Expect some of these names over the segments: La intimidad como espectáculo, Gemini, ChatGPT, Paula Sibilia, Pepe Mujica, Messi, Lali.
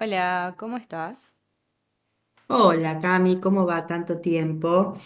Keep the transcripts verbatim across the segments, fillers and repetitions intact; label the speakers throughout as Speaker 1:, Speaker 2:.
Speaker 1: Hola, ¿cómo estás?
Speaker 2: Hola Cami, ¿cómo va tanto tiempo?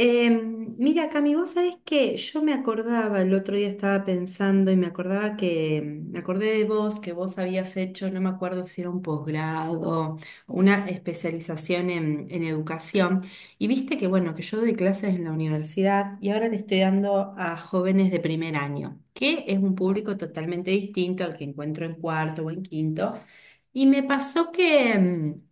Speaker 2: Em, mira Cami, vos sabés que yo me acordaba, el otro día estaba pensando y me acordaba que, me acordé de vos, que vos habías hecho, no me acuerdo si era un posgrado, una especialización en, en educación. Y viste que, bueno, que yo doy clases en la universidad y ahora le estoy dando a jóvenes de primer año, que es un público totalmente distinto al que encuentro en cuarto o en quinto. Y me pasó que... em,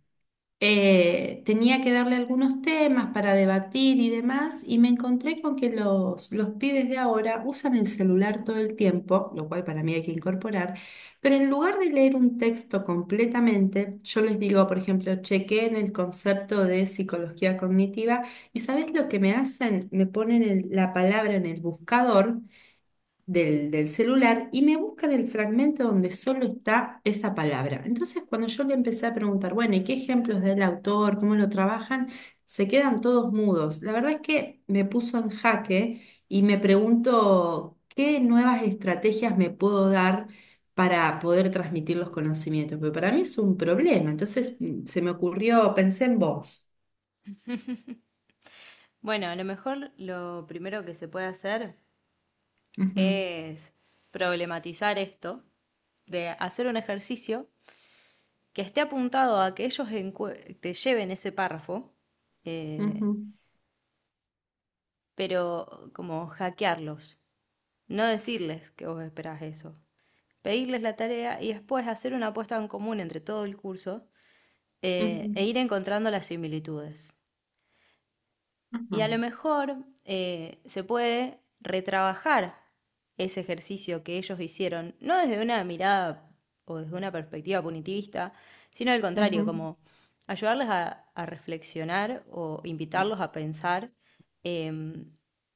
Speaker 2: eh, tenía que darle algunos temas para debatir y demás, y me encontré con que los, los pibes de ahora usan el celular todo el tiempo, lo cual para mí hay que incorporar, pero en lugar de leer un texto completamente, yo les digo, por ejemplo, chequeen el concepto de psicología cognitiva, y ¿sabes lo que me hacen? Me ponen el- la palabra en el buscador del, del celular y me busca del fragmento donde solo está esa palabra. Entonces, cuando yo le empecé a preguntar, bueno, ¿y qué ejemplos del autor? ¿Cómo lo trabajan? Se quedan todos mudos. La verdad es que me puso en jaque y me pregunto qué nuevas estrategias me puedo dar para poder transmitir los conocimientos, pero para mí es un problema. Entonces mm, se me ocurrió, pensé en vos.
Speaker 1: Bueno, a lo mejor lo primero que se puede hacer
Speaker 2: Ujú,
Speaker 1: es problematizar esto, de hacer un ejercicio que esté apuntado a que ellos encu- te lleven ese párrafo, eh,
Speaker 2: ujú,
Speaker 1: pero como hackearlos, no decirles que vos esperás eso, pedirles la tarea y después hacer una apuesta en común entre todo el curso, eh, e ir
Speaker 2: ujú,
Speaker 1: encontrando las similitudes. Y
Speaker 2: ajá,
Speaker 1: a lo mejor eh, se puede retrabajar ese ejercicio que ellos hicieron, no desde una mirada o desde una perspectiva punitivista, sino al contrario,
Speaker 2: ujú,
Speaker 1: como ayudarles a, a reflexionar o invitarlos a pensar em,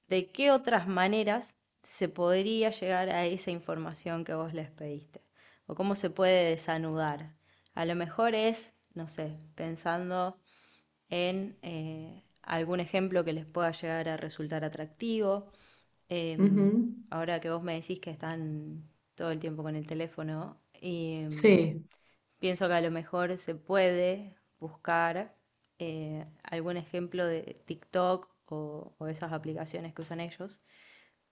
Speaker 1: de qué otras maneras se podría llegar a esa información que vos les pediste o cómo se puede desanudar. A lo mejor es, no sé, pensando en eh, algún ejemplo que les pueda llegar a resultar atractivo. Eh,
Speaker 2: ujú.
Speaker 1: Ahora que vos me decís que están todo el tiempo con el teléfono, y, em,
Speaker 2: Sí.
Speaker 1: pienso que a lo mejor se puede buscar eh, algún ejemplo de TikTok o, o esas aplicaciones que usan ellos,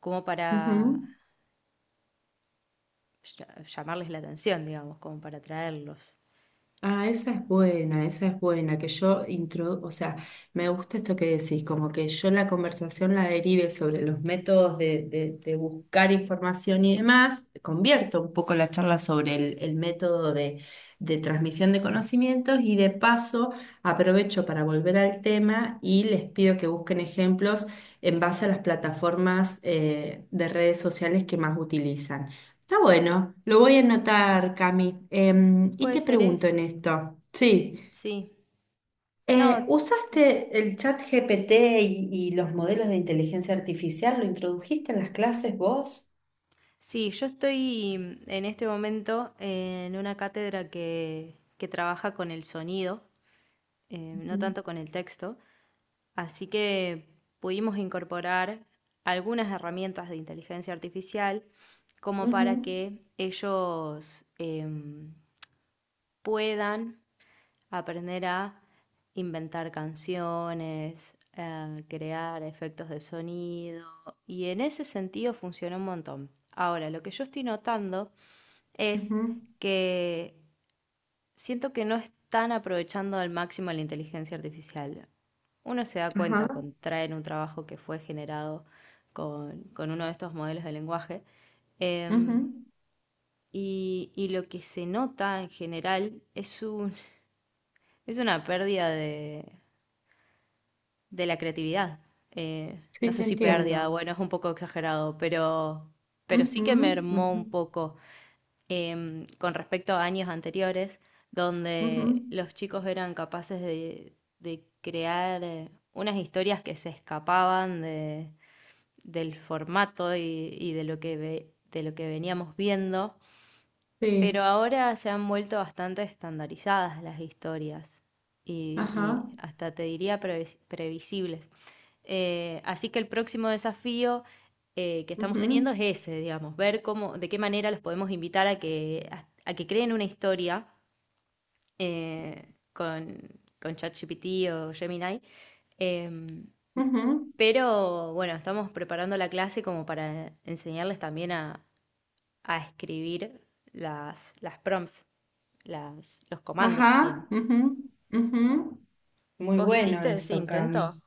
Speaker 1: como para llamarles la atención, digamos, como para atraerlos.
Speaker 2: Ah, esa es buena, esa es buena, que yo intro, o sea, me gusta esto que decís, como que yo la conversación la derive sobre los métodos de, de- de buscar información y demás, convierto un poco la charla sobre el, el método de, de transmisión de conocimientos y de paso aprovecho para volver al tema y les pido que busquen ejemplos en base a las plataformas eh, de redes sociales que más utilizan. Está bueno, lo voy a anotar, Cami. Em, y
Speaker 1: Puede
Speaker 2: te
Speaker 1: ser
Speaker 2: pregunto en
Speaker 1: eso,
Speaker 2: esto. Sí,
Speaker 1: sí.
Speaker 2: eh,
Speaker 1: No,
Speaker 2: ¿usaste el chat G P T y, y los modelos de inteligencia artificial? ¿Lo introdujiste en las clases vos?
Speaker 1: sí, yo estoy en este momento en una cátedra que, que trabaja con el sonido, eh, no
Speaker 2: Ujú,
Speaker 1: tanto con el texto, así que pudimos incorporar algunas herramientas de inteligencia artificial como para
Speaker 2: ujú,
Speaker 1: que ellos em, puedan aprender a inventar canciones, a crear efectos de sonido, y en ese sentido funciona un montón. Ahora, lo que yo estoy notando es
Speaker 2: ujú,
Speaker 1: que siento que no están aprovechando al máximo la inteligencia artificial. Uno se da
Speaker 2: ajá,
Speaker 1: cuenta cuando traen un trabajo que fue generado con, con uno de estos modelos de lenguaje. em,
Speaker 2: ujú.
Speaker 1: y, y lo que se nota en general es un, es una pérdida de, de la creatividad. Eh, no
Speaker 2: Sí,
Speaker 1: sé
Speaker 2: te
Speaker 1: si pérdida,
Speaker 2: entiendo.
Speaker 1: bueno, es un poco exagerado, pero, pero sí
Speaker 2: Ujú,
Speaker 1: que mermó
Speaker 2: ujú,
Speaker 1: un poco em, con respecto a años anteriores,
Speaker 2: ujú.
Speaker 1: donde los chicos eran capaces de, de crear eh, unas historias que se escapaban de, del formato y, y de lo que ve- de lo que veníamos viendo,
Speaker 2: Sí,
Speaker 1: pero ahora se han vuelto bastante estandarizadas las historias y,
Speaker 2: ajá,
Speaker 1: y hasta te diría previs- previsibles. Eh, así que el próximo desafío eh, que estamos teniendo
Speaker 2: ujú,
Speaker 1: es ese, digamos, ver cómo, de qué manera los podemos invitar a que, a, a que creen una historia eh, con, con ChatGPT o Gemini. Em,
Speaker 2: ujú,
Speaker 1: pero bueno, estamos preparando la clase como para enseñarles también a, a escribir las, las prompts, las, los comandos
Speaker 2: ajá,
Speaker 1: serían.
Speaker 2: ujú, ujú. Muy
Speaker 1: ¿Vos
Speaker 2: bueno
Speaker 1: hiciste ese
Speaker 2: eso, Cami.
Speaker 1: intento?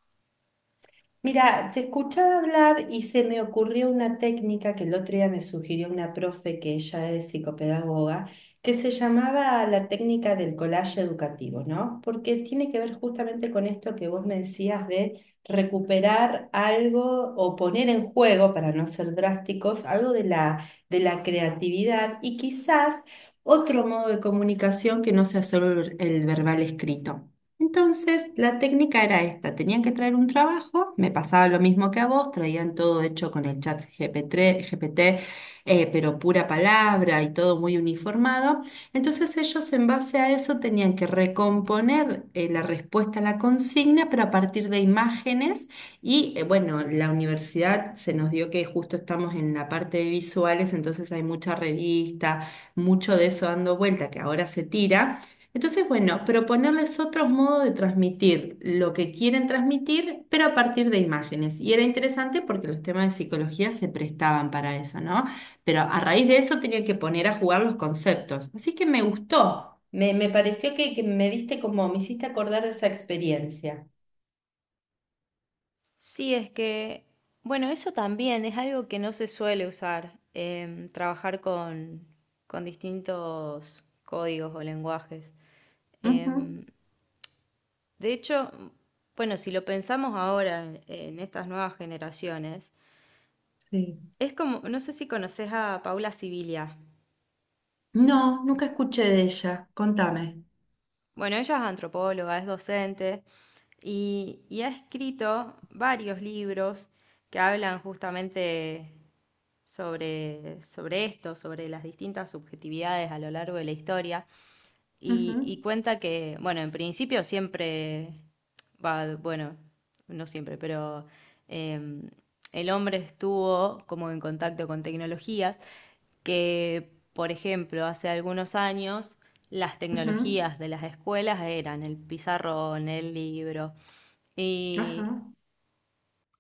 Speaker 2: Mira, te escuchaba hablar y se me ocurrió una técnica que el otro día me sugirió una profe que ella es psicopedagoga, que se llamaba la técnica del collage educativo, ¿no? Porque tiene que ver justamente con esto que vos me decías de recuperar algo o poner en juego, para no ser drásticos, algo de la, de la creatividad y quizás otro modo de comunicación que no sea solo el el verbal escrito. Entonces, la técnica era esta, tenían que traer un trabajo, me pasaba lo mismo que a vos, traían todo hecho con el chat G P T, G P T, eh, pero pura palabra y todo muy uniformado. Entonces ellos en base a eso tenían que recomponer eh, la respuesta a la consigna, pero a partir de imágenes y eh, bueno, la universidad se nos dio que justo estamos en la parte de visuales, entonces hay mucha revista, mucho de eso dando vuelta que ahora se tira. Entonces, bueno, proponerles otros modos de transmitir lo que quieren transmitir, pero a partir de imágenes. Y era interesante porque los temas de psicología se prestaban para eso, ¿no? Pero a raíz de eso tenía que poner a jugar los conceptos. Así que me gustó, me, me pareció que, que me diste como, me hiciste acordar de esa experiencia.
Speaker 1: Sí, es que, bueno, eso también es algo que no se suele usar, em, trabajar con, con distintos códigos o lenguajes.
Speaker 2: Ujú.
Speaker 1: Em, de hecho, bueno, si lo pensamos ahora en, en estas nuevas generaciones,
Speaker 2: Sí.
Speaker 1: es como, no sé si conoces a Paula Sibilia.
Speaker 2: No, nunca escuché de ella, contame.
Speaker 1: Bueno, ella es antropóloga, es docente, Y, y ha escrito varios libros que hablan justamente sobre, sobre esto, sobre las distintas subjetividades a lo largo de la historia. Y, y
Speaker 2: Ujú,
Speaker 1: cuenta que, bueno, en principio siempre, va, bueno, no siempre, pero em, el hombre estuvo como en contacto con tecnologías que, por ejemplo, hace algunos años las
Speaker 2: ujú,
Speaker 1: tecnologías de las escuelas eran el pizarrón, el libro, y,
Speaker 2: ajá.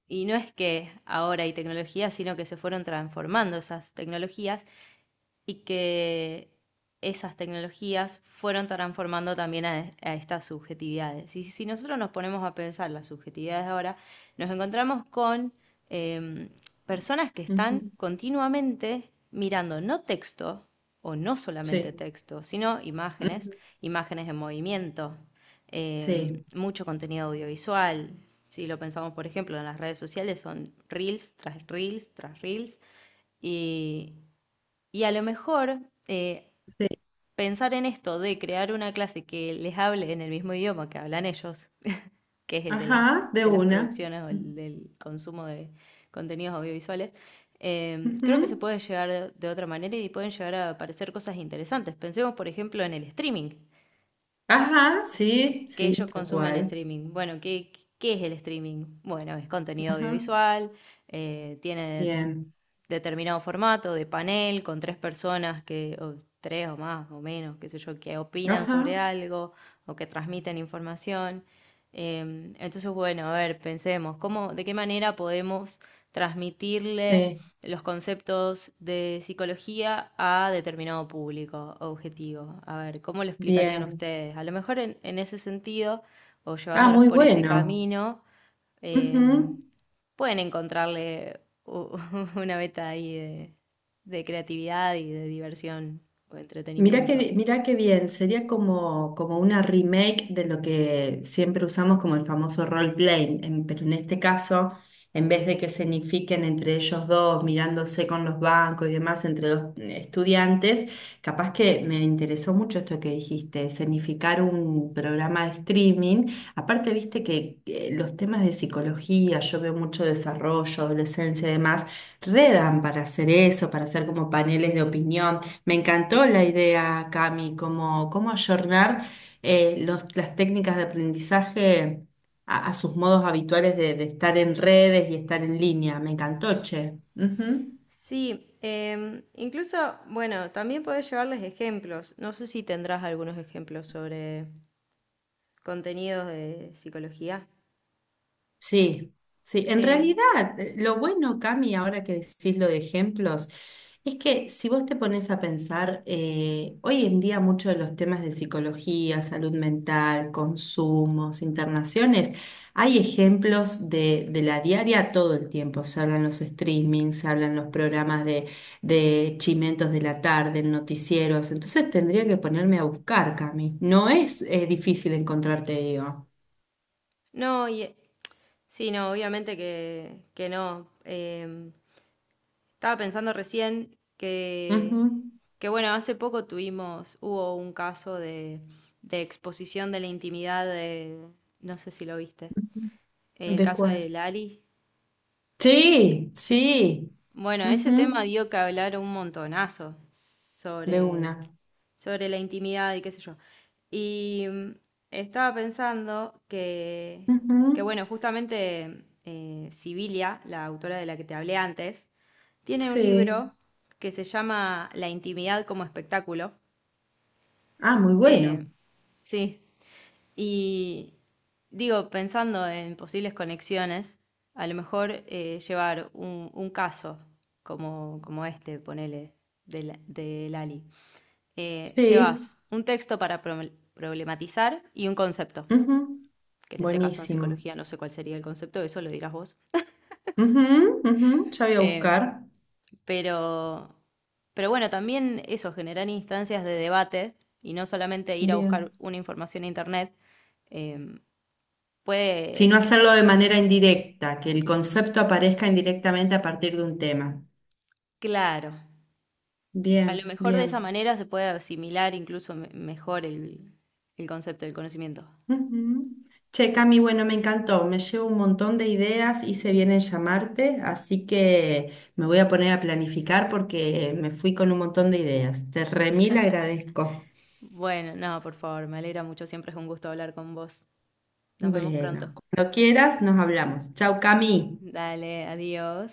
Speaker 1: y no es que ahora hay tecnologías, sino que se fueron transformando esas tecnologías y que esas tecnologías fueron transformando también a, a estas subjetividades. Y si nosotros nos ponemos a pensar las subjetividades ahora, nos encontramos con eh, personas que están
Speaker 2: Ujú.
Speaker 1: continuamente mirando no texto, o no solamente
Speaker 2: Sí,
Speaker 1: texto, sino imágenes,
Speaker 2: ujú,
Speaker 1: imágenes en movimiento, eh,
Speaker 2: sí,
Speaker 1: mucho contenido audiovisual. Si lo pensamos, por ejemplo, en las redes sociales son reels tras reels tras reels, y y a lo mejor eh,
Speaker 2: sí.
Speaker 1: pensar en esto de crear una clase que les hable en el mismo idioma que hablan ellos, que es el de, la-
Speaker 2: Ajá, de
Speaker 1: de las
Speaker 2: una.
Speaker 1: producciones o el del consumo de contenidos audiovisuales, eh, creo que se
Speaker 2: Ujú.
Speaker 1: puede llegar de, de otra manera y pueden llegar a aparecer cosas interesantes. Pensemos, por ejemplo, en el streaming
Speaker 2: Ajá,
Speaker 1: que,
Speaker 2: sí,
Speaker 1: que
Speaker 2: sí,
Speaker 1: ellos
Speaker 2: tal
Speaker 1: consumen en
Speaker 2: cual.
Speaker 1: streaming. Bueno, ¿qué, qué es el streaming? Bueno, es contenido
Speaker 2: Ajá,
Speaker 1: audiovisual, eh, tiene
Speaker 2: bien.
Speaker 1: determinado formato de panel con tres personas que, o tres o más o menos, qué sé yo, que opinan
Speaker 2: Ajá,
Speaker 1: sobre algo o que transmiten información. Eh, entonces, bueno, a ver, pensemos, ¿cómo, de qué manera podemos transmitirle
Speaker 2: sí,
Speaker 1: los conceptos de psicología a determinado público objetivo? A ver, ¿cómo lo explicarían
Speaker 2: bien.
Speaker 1: ustedes? A lo mejor en, en ese sentido, o
Speaker 2: Ah,
Speaker 1: llevándolos
Speaker 2: muy
Speaker 1: por ese
Speaker 2: bueno.
Speaker 1: camino,
Speaker 2: Ujú.
Speaker 1: eh, pueden encontrarle u- una beta ahí de, de creatividad y de diversión o
Speaker 2: Mira qué,
Speaker 1: entretenimiento.
Speaker 2: bi- mirá qué bien, sería como, como una remake de lo que siempre usamos como el famoso role-playing, en- pero en este caso, en vez de que se entre ellos dos, mirándose con los bancos y demás, entre dos eh, estudiantes, capaz que me interesó mucho esto que dijiste, escenificar un programa de streaming. Aparte, viste que eh, los temas de psicología, yo veo mucho desarrollo, adolescencia y demás, redan para hacer eso, para hacer como paneles de opinión. Me encantó la idea, Cami, como cómo ayornar eh, los- las técnicas de aprendizaje a, a sus modos habituales de, de estar en redes y estar en línea. Me encantó, che. Ujú.
Speaker 1: Sí, em, incluso, bueno, también podés llevarles ejemplos. No sé si tendrás algunos ejemplos sobre contenidos de psicología.
Speaker 2: Sí, sí, en
Speaker 1: Em,
Speaker 2: realidad eh, lo bueno, Cami, ahora que decís lo de ejemplos, es que si vos te pones a pensar, eh, hoy en día muchos de los temas de psicología, salud mental, consumos, internaciones, hay ejemplos de, de la diaria todo el tiempo. Se hablan los streamings, se hablan los programas de, de chimentos de la tarde, en noticieros. Entonces tendría que ponerme a buscar, Cami. No es eh, difícil encontrarte, digo.
Speaker 1: No, y, eh, sí, no, obviamente que, que no. Em, estaba pensando recién que, que, bueno, hace poco tuvimos, hubo un caso de, de exposición de la intimidad de, no sé si lo viste,
Speaker 2: Ujú.
Speaker 1: el
Speaker 2: ¿De
Speaker 1: caso de
Speaker 2: cuál?
Speaker 1: Lali.
Speaker 2: Sí, sí.
Speaker 1: Bueno, ese tema
Speaker 2: Ujú,
Speaker 1: dio que hablar un montonazo
Speaker 2: de
Speaker 1: sobre,
Speaker 2: una.
Speaker 1: sobre la intimidad y qué sé yo. Y mm, estaba pensando que, que
Speaker 2: Ujú,
Speaker 1: bueno, justamente eh, Sibilia, la autora de la que te hablé antes, tiene un
Speaker 2: sí.
Speaker 1: libro que se llama La intimidad como espectáculo.
Speaker 2: Ah, muy
Speaker 1: Eh,
Speaker 2: bueno.
Speaker 1: sí, y digo, pensando en posibles conexiones, a lo mejor eh, llevar un, un caso como, como este, ponele, de, la- de Lali, eh,
Speaker 2: Sí,
Speaker 1: llevas un texto para pro- problematizar y un concepto,
Speaker 2: ujú,
Speaker 1: que en este caso en
Speaker 2: buenísimo.
Speaker 1: psicología no sé cuál sería el concepto, eso lo dirás vos.
Speaker 2: Ujú, ujú, ya voy a
Speaker 1: Eh,
Speaker 2: buscar.
Speaker 1: pero, pero bueno, también eso, generar instancias de debate y no solamente ir a
Speaker 2: Bien.
Speaker 1: buscar una información en internet, eh,
Speaker 2: Sino
Speaker 1: puede,
Speaker 2: hacerlo de manera indirecta, que el concepto aparezca indirectamente a partir de un tema.
Speaker 1: claro, a lo
Speaker 2: Bien,
Speaker 1: mejor de esa
Speaker 2: bien.
Speaker 1: manera se puede asimilar incluso me- mejor el, el concepto del conocimiento.
Speaker 2: Ujú. Che, Cami, bueno, me encantó, me llevo un montón de ideas, hice bien en llamarte, así que me voy a poner a planificar porque me fui con un montón de ideas. Te remil agradezco.
Speaker 1: Bueno, no, por favor, me alegra mucho, siempre es un gusto hablar con vos. Nos vemos pronto.
Speaker 2: Bueno, cuando quieras nos hablamos. Chau, Cami.
Speaker 1: Dale, adiós.